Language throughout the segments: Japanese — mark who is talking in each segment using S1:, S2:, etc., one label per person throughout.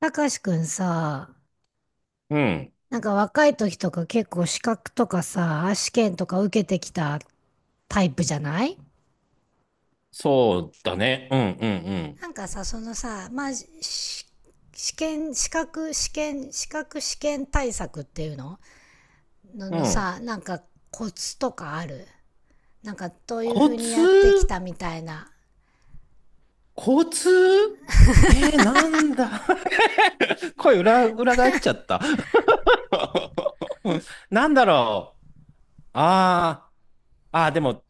S1: たかしくんさ、
S2: うん。
S1: なんか若い時とか結構資格とかさ、試験とか受けてきたタイプじゃない？
S2: そうだね。うん、
S1: なんかさ、そのさ、まあ、試験、資格試験、資格試験対策っていうのの
S2: うん、う
S1: の
S2: ん。うん。
S1: さ、なんかコツとかある？なんかどういうふ
S2: コ
S1: うにやってき
S2: ツ。
S1: たみたいな。
S2: コツ。なんだ。 声裏、裏返っちゃった。 なんだろう。ああ、ああ、でも、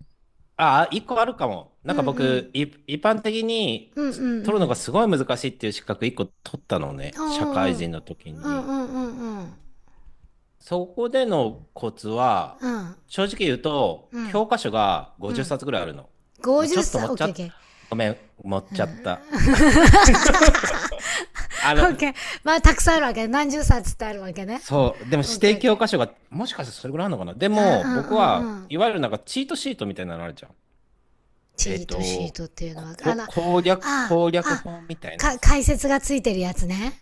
S2: ああ、一個あるかも。な
S1: う
S2: ん
S1: ん
S2: か
S1: うん。
S2: 僕、一般的に
S1: うんうん
S2: 取
S1: う
S2: るのが
S1: ん。
S2: すごい難しいっていう資格一個取ったのね。
S1: う
S2: 社
S1: んうん
S2: 会
S1: うん。
S2: 人の時
S1: うん
S2: に。
S1: うんうんうん。
S2: そこでのコツは、
S1: うん
S2: 正直言うと、教科書が
S1: う
S2: 50
S1: ん。
S2: 冊ぐらいあるの。まあ、ち
S1: 50
S2: ょっと
S1: 歳、
S2: 持
S1: オ
S2: っ
S1: ッ
S2: ちゃ
S1: ケーオッ
S2: っ
S1: ケ
S2: た。
S1: ー。
S2: ごめん、持っちゃった。あの、
S1: OK。まあ、たくさんあるわけね。何十冊ってあるわけね。
S2: そう、でも指定
S1: OK、
S2: 教
S1: OK。
S2: 科書が、もしかしてそれぐらいあるのかな。で
S1: あ、う
S2: も、
S1: ん、う
S2: 僕
S1: ん、
S2: は
S1: うん。
S2: いわゆるなんかチートシートみたいなのあるじゃん。
S1: チ
S2: え
S1: ー
S2: っ
S1: トシー
S2: と、
S1: トっていうの
S2: こ、
S1: は、
S2: こ攻略、
S1: あ、
S2: 攻略
S1: あ、
S2: 本みたいなさ。
S1: 解説がついてるやつね。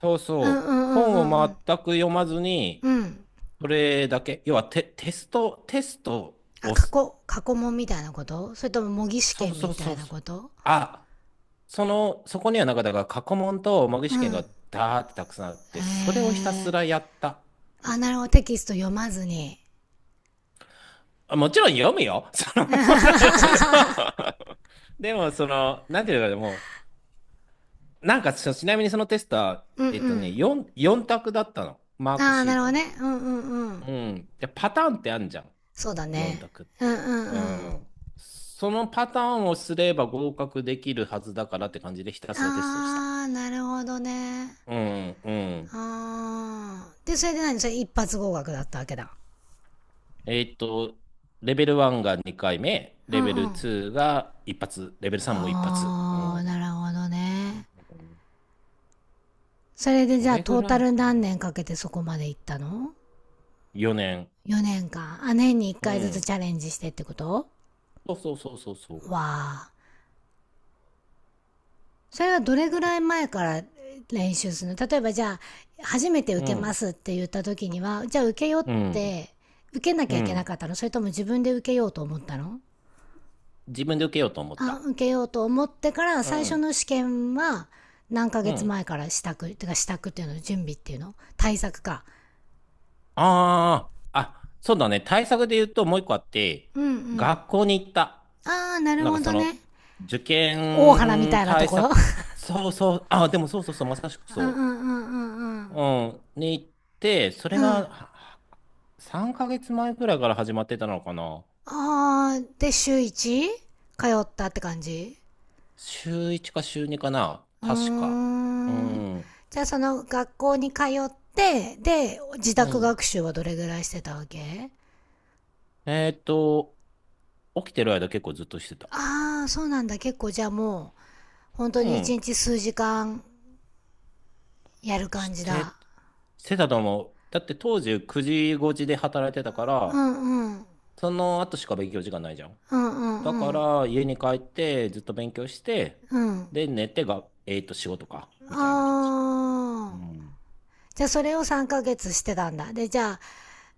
S2: そう
S1: うん、
S2: そ
S1: うん、
S2: う。
S1: うん、
S2: 本
S1: う
S2: を
S1: ん、うん。
S2: 全く読まず
S1: う
S2: に、
S1: ん。
S2: それだけ。要はテスト
S1: あ、
S2: をす、
S1: 過去問みたいなこと？それとも模擬試
S2: そうそう
S1: 験みた
S2: そ
S1: い
S2: う
S1: な
S2: そう。
S1: こと？
S2: あ、そこにはなんかだから過去問と模擬
S1: う
S2: 試験
S1: ん。
S2: がダーってたくさんあっ
S1: え
S2: て、それをひたす
S1: ー。
S2: らやった、み
S1: あ、
S2: た
S1: な
S2: い
S1: る
S2: な。
S1: ほど。テキスト読まずに。
S2: あ、もちろん読むよ。
S1: う
S2: でも、なんていうかでもう、なんかちなみにそのテストは、
S1: んうん。
S2: 4択だったの。マーク
S1: ああ、
S2: シ
S1: な
S2: ー
S1: るほ
S2: ト
S1: ど
S2: の。
S1: ね。うんうんう
S2: う
S1: ん。
S2: ん。で、パターンってあんじゃん。
S1: そうだ
S2: 4
S1: ね。
S2: 択っ
S1: うんう
S2: て。
S1: ん
S2: う
S1: うん。
S2: ん。そのパターンをすれば合格できるはずだからって感じでひたすらテストをした。
S1: あー、なるほどね。
S2: うん、うん。
S1: あー。で、それで何それ、一発合格だったわけだ。
S2: えーっと、レベル1が2回目、
S1: う
S2: レベ
S1: ん
S2: ル
S1: う
S2: 2
S1: ん。
S2: が一発、レベル3も一発。う
S1: あ
S2: ん。
S1: ー、なるほどね。それでじ
S2: そ
S1: ゃあ
S2: れぐ
S1: トータ
S2: らい
S1: ル
S2: かな。
S1: 何年かけてそこまで行ったの？
S2: 4年。
S1: 4 年間。あ、年に1
S2: う
S1: 回ずつ
S2: ん。
S1: チャレンジしてってこと？
S2: そうそうそうそうそう。
S1: わー。それはどれぐらい
S2: こ
S1: 前から練習するの？例えばじゃあ、初めて受
S2: う
S1: けま
S2: ん。
S1: すって言った時には、じゃあ受けようっ
S2: うん。
S1: て、受けなき
S2: う
S1: ゃいけな
S2: ん。
S1: かったの？それとも自分で受けようと思ったの？
S2: 自分で受けようと思っ
S1: あ、
S2: た。
S1: 受けようと思ってから
S2: う
S1: 最初
S2: ん。
S1: の試験は何ヶ
S2: う
S1: 月
S2: ん。
S1: 前から支度ってか、支度っていうの？準備っていうの？対策か？
S2: ああ、あ、そうだね。対策で言うともう一個あって、
S1: うんうん。
S2: 学校に行った。
S1: ああ、なる
S2: なんか
S1: ほど
S2: そ
S1: ね。
S2: の、受
S1: 大原み
S2: 験
S1: たいなと
S2: 対
S1: ころ。
S2: 策、そうそう、あ、でもそうそうそう、まさしく
S1: うんう
S2: そう。
S1: んうんう
S2: う
S1: ん
S2: ん。に行って、そ
S1: う
S2: れ
S1: んう
S2: が
S1: ん。
S2: は3ヶ月前くらいから始まってたのかな。
S1: ああ、で週1通ったって感じ？
S2: 週1か週2かな。
S1: う
S2: 確か。
S1: ー
S2: う
S1: ん。
S2: ん。
S1: じゃあその学校に通って、で自
S2: う
S1: 宅
S2: ん。
S1: 学習はどれぐらいしてたわけ？
S2: えっと、起きてる間結構ずっとしてた。
S1: ああ、そうなんだ。結構じゃあもう本当
S2: う
S1: に一
S2: ん。
S1: 日数時間やる
S2: し
S1: 感じだ。
S2: て、してたと思う。だって当時9時5時で働いてたか
S1: う
S2: ら、
S1: んうん。
S2: その後しか勉強時間ないじゃん。
S1: うんう
S2: だか
S1: んうん。
S2: ら家に帰ってずっと勉強して、
S1: うん。
S2: で寝てが、えっと仕事か。みたいな感じ。う
S1: あー。
S2: ん。
S1: じゃあそれを3ヶ月してたんだ。で、じゃあ、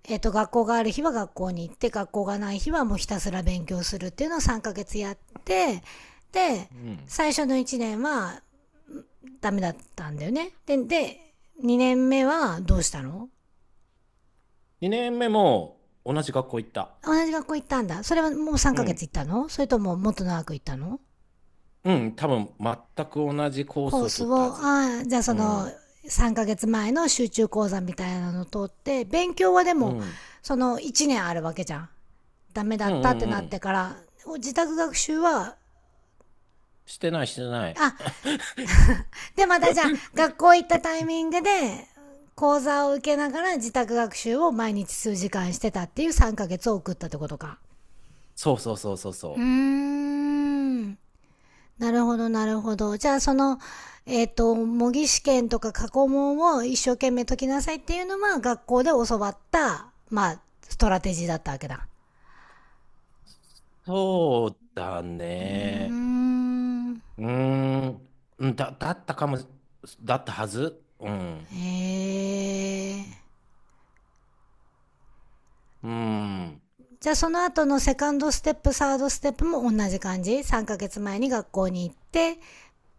S1: 学校がある日は学校に行って、学校がない日はもうひたすら勉強するっていうのを3ヶ月やって、で、
S2: うん。
S1: 最初の1年はダメだったんだよね。で、2年目はどうしたの？
S2: 2年目も同じ学校行った。
S1: 同じ学校行ったんだ。それはもう3
S2: う
S1: ヶ月
S2: ん。
S1: 行ったの？それとももっと長く行ったの？
S2: うん、多分全く同じコース
S1: コー
S2: を
S1: ス
S2: 取ったは
S1: を、
S2: ず。
S1: ああ、じゃあそ
S2: う
S1: の
S2: ん。
S1: 3ヶ月前の集中講座みたいなのを取って、勉強はで
S2: う
S1: も
S2: ん。
S1: その1年あるわけじゃん。ダメだ
S2: うん
S1: ったって
S2: うん
S1: な
S2: う
S1: って
S2: ん。
S1: から、自宅学習は、
S2: してないしてない。
S1: あ、でまたじゃあ学校行ったタイミングで講座を受けながら自宅学習を毎日数時間してたっていう3ヶ月を送ったってことか。
S2: そうそうそうそう
S1: うー
S2: そう。
S1: ん。なるほど、なるほど。じゃあ、その、模擬試験とか過去問を一生懸命解きなさいっていうのは、学校で教わった、まあ、ストラテジーだったわけだ。
S2: そうだ
S1: うー
S2: ね。
S1: ん。
S2: うーん。うん、だったかも、だったはず。うん。
S1: へえ。
S2: うん。
S1: じゃあ、その後のセカンドステップ、サードステップも同じ感じ？ 3 ヶ月前に学校に行って、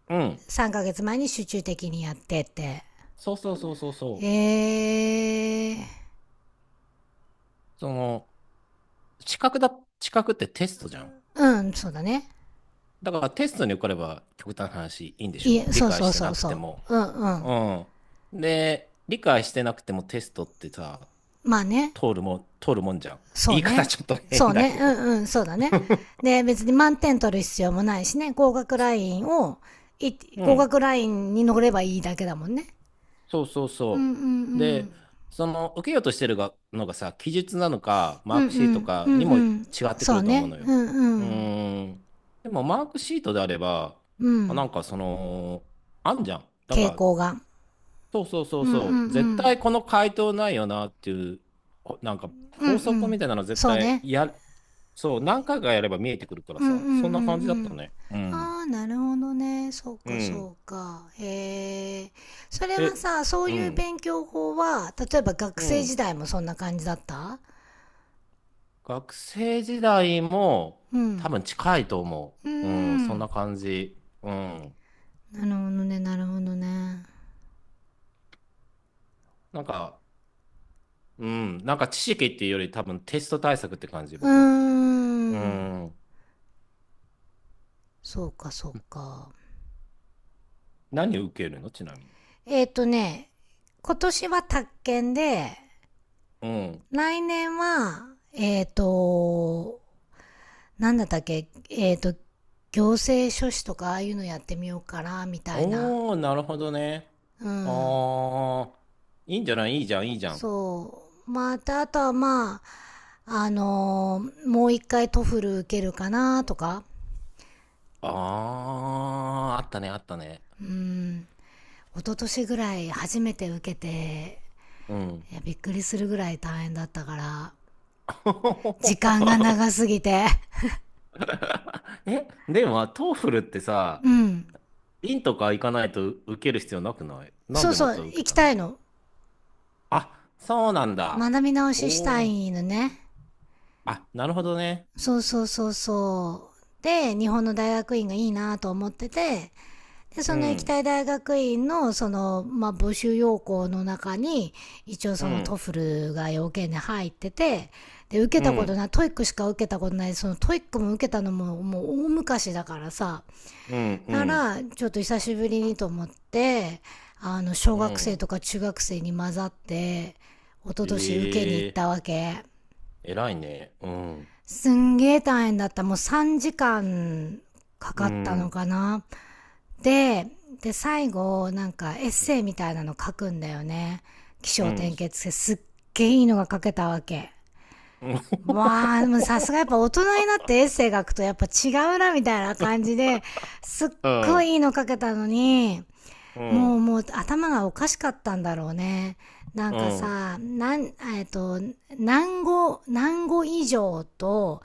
S2: うん。
S1: 3ヶ月前に集中的にやってって。
S2: そうそうそうそうそう。
S1: ええ。
S2: その、資格だ、資格ってテストじゃん。
S1: うん、そうだね。
S2: だからテストに受かれば極端な話いいんでし
S1: い
S2: ょ、
S1: え、
S2: 理
S1: そう
S2: 解
S1: そ
S2: し
S1: う
S2: て
S1: そ
S2: な
S1: う
S2: くて
S1: そ
S2: も。
S1: う。うんう
S2: う
S1: ん。
S2: ん。で、理解してなくてもテストってさ、
S1: まあね。
S2: 通るもんじゃん。
S1: そう
S2: 言い方
S1: ね。
S2: ちょっと変
S1: そう
S2: だ
S1: ね。
S2: け
S1: う
S2: ど。
S1: んうん、そうだね。で、別に満点取る
S2: うん。
S1: 必要もないしね、
S2: つ
S1: い
S2: う
S1: 合
S2: ん、
S1: 格ラインに乗ればいいだけだもんね。
S2: そうそう
S1: うんうん
S2: そ
S1: う
S2: う。で、
S1: ん。
S2: その、受けようとしてるがのがさ、記述なのか、
S1: う
S2: マー
S1: ん
S2: ク
S1: う
S2: シート
S1: ん、う
S2: か
S1: ん
S2: に
S1: う
S2: も違
S1: ん。
S2: ってく
S1: そう
S2: ると思う
S1: ね。
S2: の
S1: う
S2: よ。
S1: んう
S2: う
S1: ん。
S2: ーん。でも、マークシートであれば、
S1: うん。
S2: なんかその、あんじゃん。なん
S1: 傾
S2: か、
S1: 向が。
S2: そうそうそう
S1: うんうん
S2: そう。絶
S1: うん。
S2: 対この回答ないよなっていう、なんか、
S1: うんう
S2: 法則
S1: ん。
S2: みたいなの絶
S1: そう
S2: 対
S1: ね。
S2: や、そう、何回かやれば見えてくるから
S1: うんうんうん
S2: さ、そんな感じだっ
S1: う
S2: た
S1: ん。
S2: ね。うん。
S1: ああ、なるほどね。そう
S2: う
S1: か、
S2: ん。
S1: そうか。へえ。それは
S2: え、
S1: さ、そう
S2: う
S1: いう
S2: ん。
S1: 勉強法は、例えば学
S2: う
S1: 生
S2: ん。
S1: 時代もそんな感じだった？
S2: 学生時代も
S1: う
S2: 多
S1: ん。
S2: 分近いと思
S1: うー
S2: う。うん、そん
S1: ん。
S2: な感じ。うん。
S1: なるほどね、なるほどね。
S2: なんか、うん、なんか知識っていうより多分テスト対策って感じ、
S1: うー
S2: 僕は。う
S1: ん。
S2: ん。
S1: そうか、そうか。
S2: 何を受けるのちなみに。
S1: えっ、ー、とね、今年は宅建で、
S2: うん。
S1: 来年は、えっ、ー、と、なんだったっけ、行政書士とかああいうのやってみようかな、みたいな。
S2: おー、なるほどね。
S1: う
S2: あ
S1: ん。
S2: ー、いいんじゃない？いいじゃん、いいじゃん。
S1: そう。また、あとはまあ、もう一回トフル受けるかな、とか。
S2: あー、あったね、あったね。
S1: うん。一昨年ぐらい初めて受けて、
S2: うん。
S1: いや、びっくりするぐらい大変だったから、時間が 長すぎて。
S2: え、でも、トーフルってさ、
S1: うん。
S2: 院とか行かないと受ける必要なくない？なん
S1: そう
S2: で
S1: そ
S2: また
S1: う、
S2: 受
S1: 行
S2: け
S1: き
S2: た
S1: た
S2: の？
S1: いの。
S2: あ、そうなんだ。
S1: 学び直しし
S2: お
S1: た
S2: お。
S1: いのね。
S2: あ、なるほどね。
S1: そうそうそうそう。で、日本の大学院がいいなと思ってて、で、
S2: う
S1: その行き
S2: ん、
S1: たい大学院の、その、まあ、募集要項の中に、一応
S2: う
S1: そのト
S2: ん、
S1: フルが要件で入ってて、で、受け
S2: う
S1: たこと
S2: ん、
S1: ない、トイックしか受けたことない、そのトイックも受けたのも、もう大昔だからさ、
S2: うん、う
S1: な
S2: ん、
S1: ら、ちょっと久しぶりにと思って、あの、小
S2: う
S1: 学生
S2: ん。
S1: とか中学生に混ざって、一昨年受けに行っ
S2: え
S1: たわ
S2: え
S1: け。
S2: ー、偉いね。うん、
S1: すんげー大変だった。もう3時間か
S2: う
S1: かったの
S2: ん、
S1: かな。で、で、最後、なんかエッセイみたいなの書くんだよね。起
S2: う
S1: 承
S2: ん、うん、
S1: 転 結してすっげーいいのが書けたわけ。わあ、もうさすがやっぱ大人になってエッセイ書くとやっぱ違うなみたいな感じで、すっごいいいの書けたのに、
S2: うん、う
S1: もう
S2: ん、
S1: もう頭がおかしかったんだろうね。なん
S2: う
S1: か
S2: ん、
S1: さ、なん、えっと、何語以上と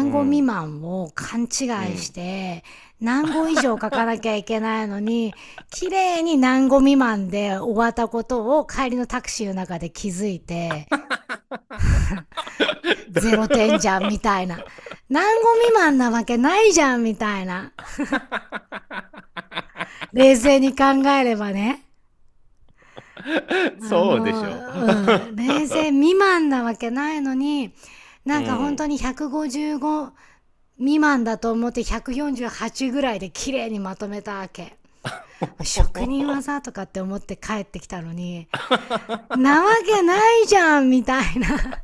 S2: う
S1: 語未
S2: ん。
S1: 満を勘違い
S2: う
S1: し
S2: ん。
S1: て、何語以上書かなきゃ いけないのに、綺麗に何語未満で終わったことを帰りのタクシーの中で気づいて、ゼロ点じ
S2: だ。
S1: ゃんみたいな。何語未満なわけないじゃんみたいな。冷静に考えればね。あ、
S2: そうで
S1: もう、
S2: しょ。
S1: うん、れいせい未満なわけないのに、
S2: う
S1: なんか本当
S2: ん。
S1: に155未満だと思って148ぐらいで綺麗にまとめたわけ。職人技 とかって思って帰ってきたのに、なわけないじゃんみたいな。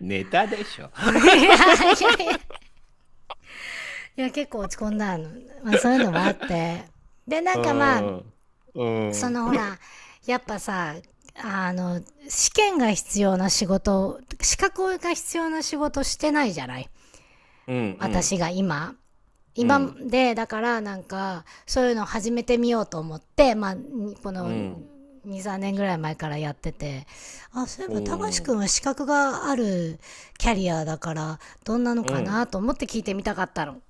S2: ネタでしょ。
S1: いやいやいや。いや、結構落ち込んだの。まあそういうのもあって。で、なんかまあ、
S2: うん。
S1: そ
S2: うん。
S1: のほら、やっぱさ、あの、試験が必要な仕事、資格が必要な仕事してないじゃない？
S2: う
S1: 私
S2: ん。
S1: が今。
S2: う
S1: 今
S2: ん。
S1: で、だからなんか、そういうの始めてみようと思って、まあ、こ
S2: う
S1: の、
S2: ん。
S1: 2、3年ぐらい前からやってて、あ、そういえ
S2: う
S1: ば、たかしくん
S2: ん。
S1: は資格があるキャリアだから、どんなのかなと思って聞いてみたかったの。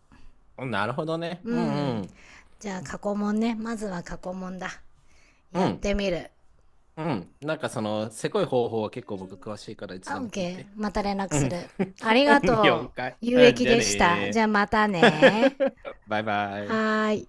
S2: うん。なるほどね。
S1: う
S2: うんう
S1: ん。
S2: ん。
S1: じゃあ、過去問ね。まずは過去問だ。
S2: う
S1: やっ
S2: ん。
S1: てみる。
S2: うん。なんかその、せこい方法は結構僕詳しいからいつ
S1: あ、
S2: でも聞い
S1: OK。
S2: て。
S1: また連絡
S2: う
S1: す
S2: ん。
S1: る。ありが
S2: うん。了
S1: とう。
S2: 解。
S1: 有
S2: うん。
S1: 益
S2: じゃあ
S1: でした。じ
S2: ね
S1: ゃあまた
S2: ー。
S1: ね。
S2: バイバイ。
S1: はーい。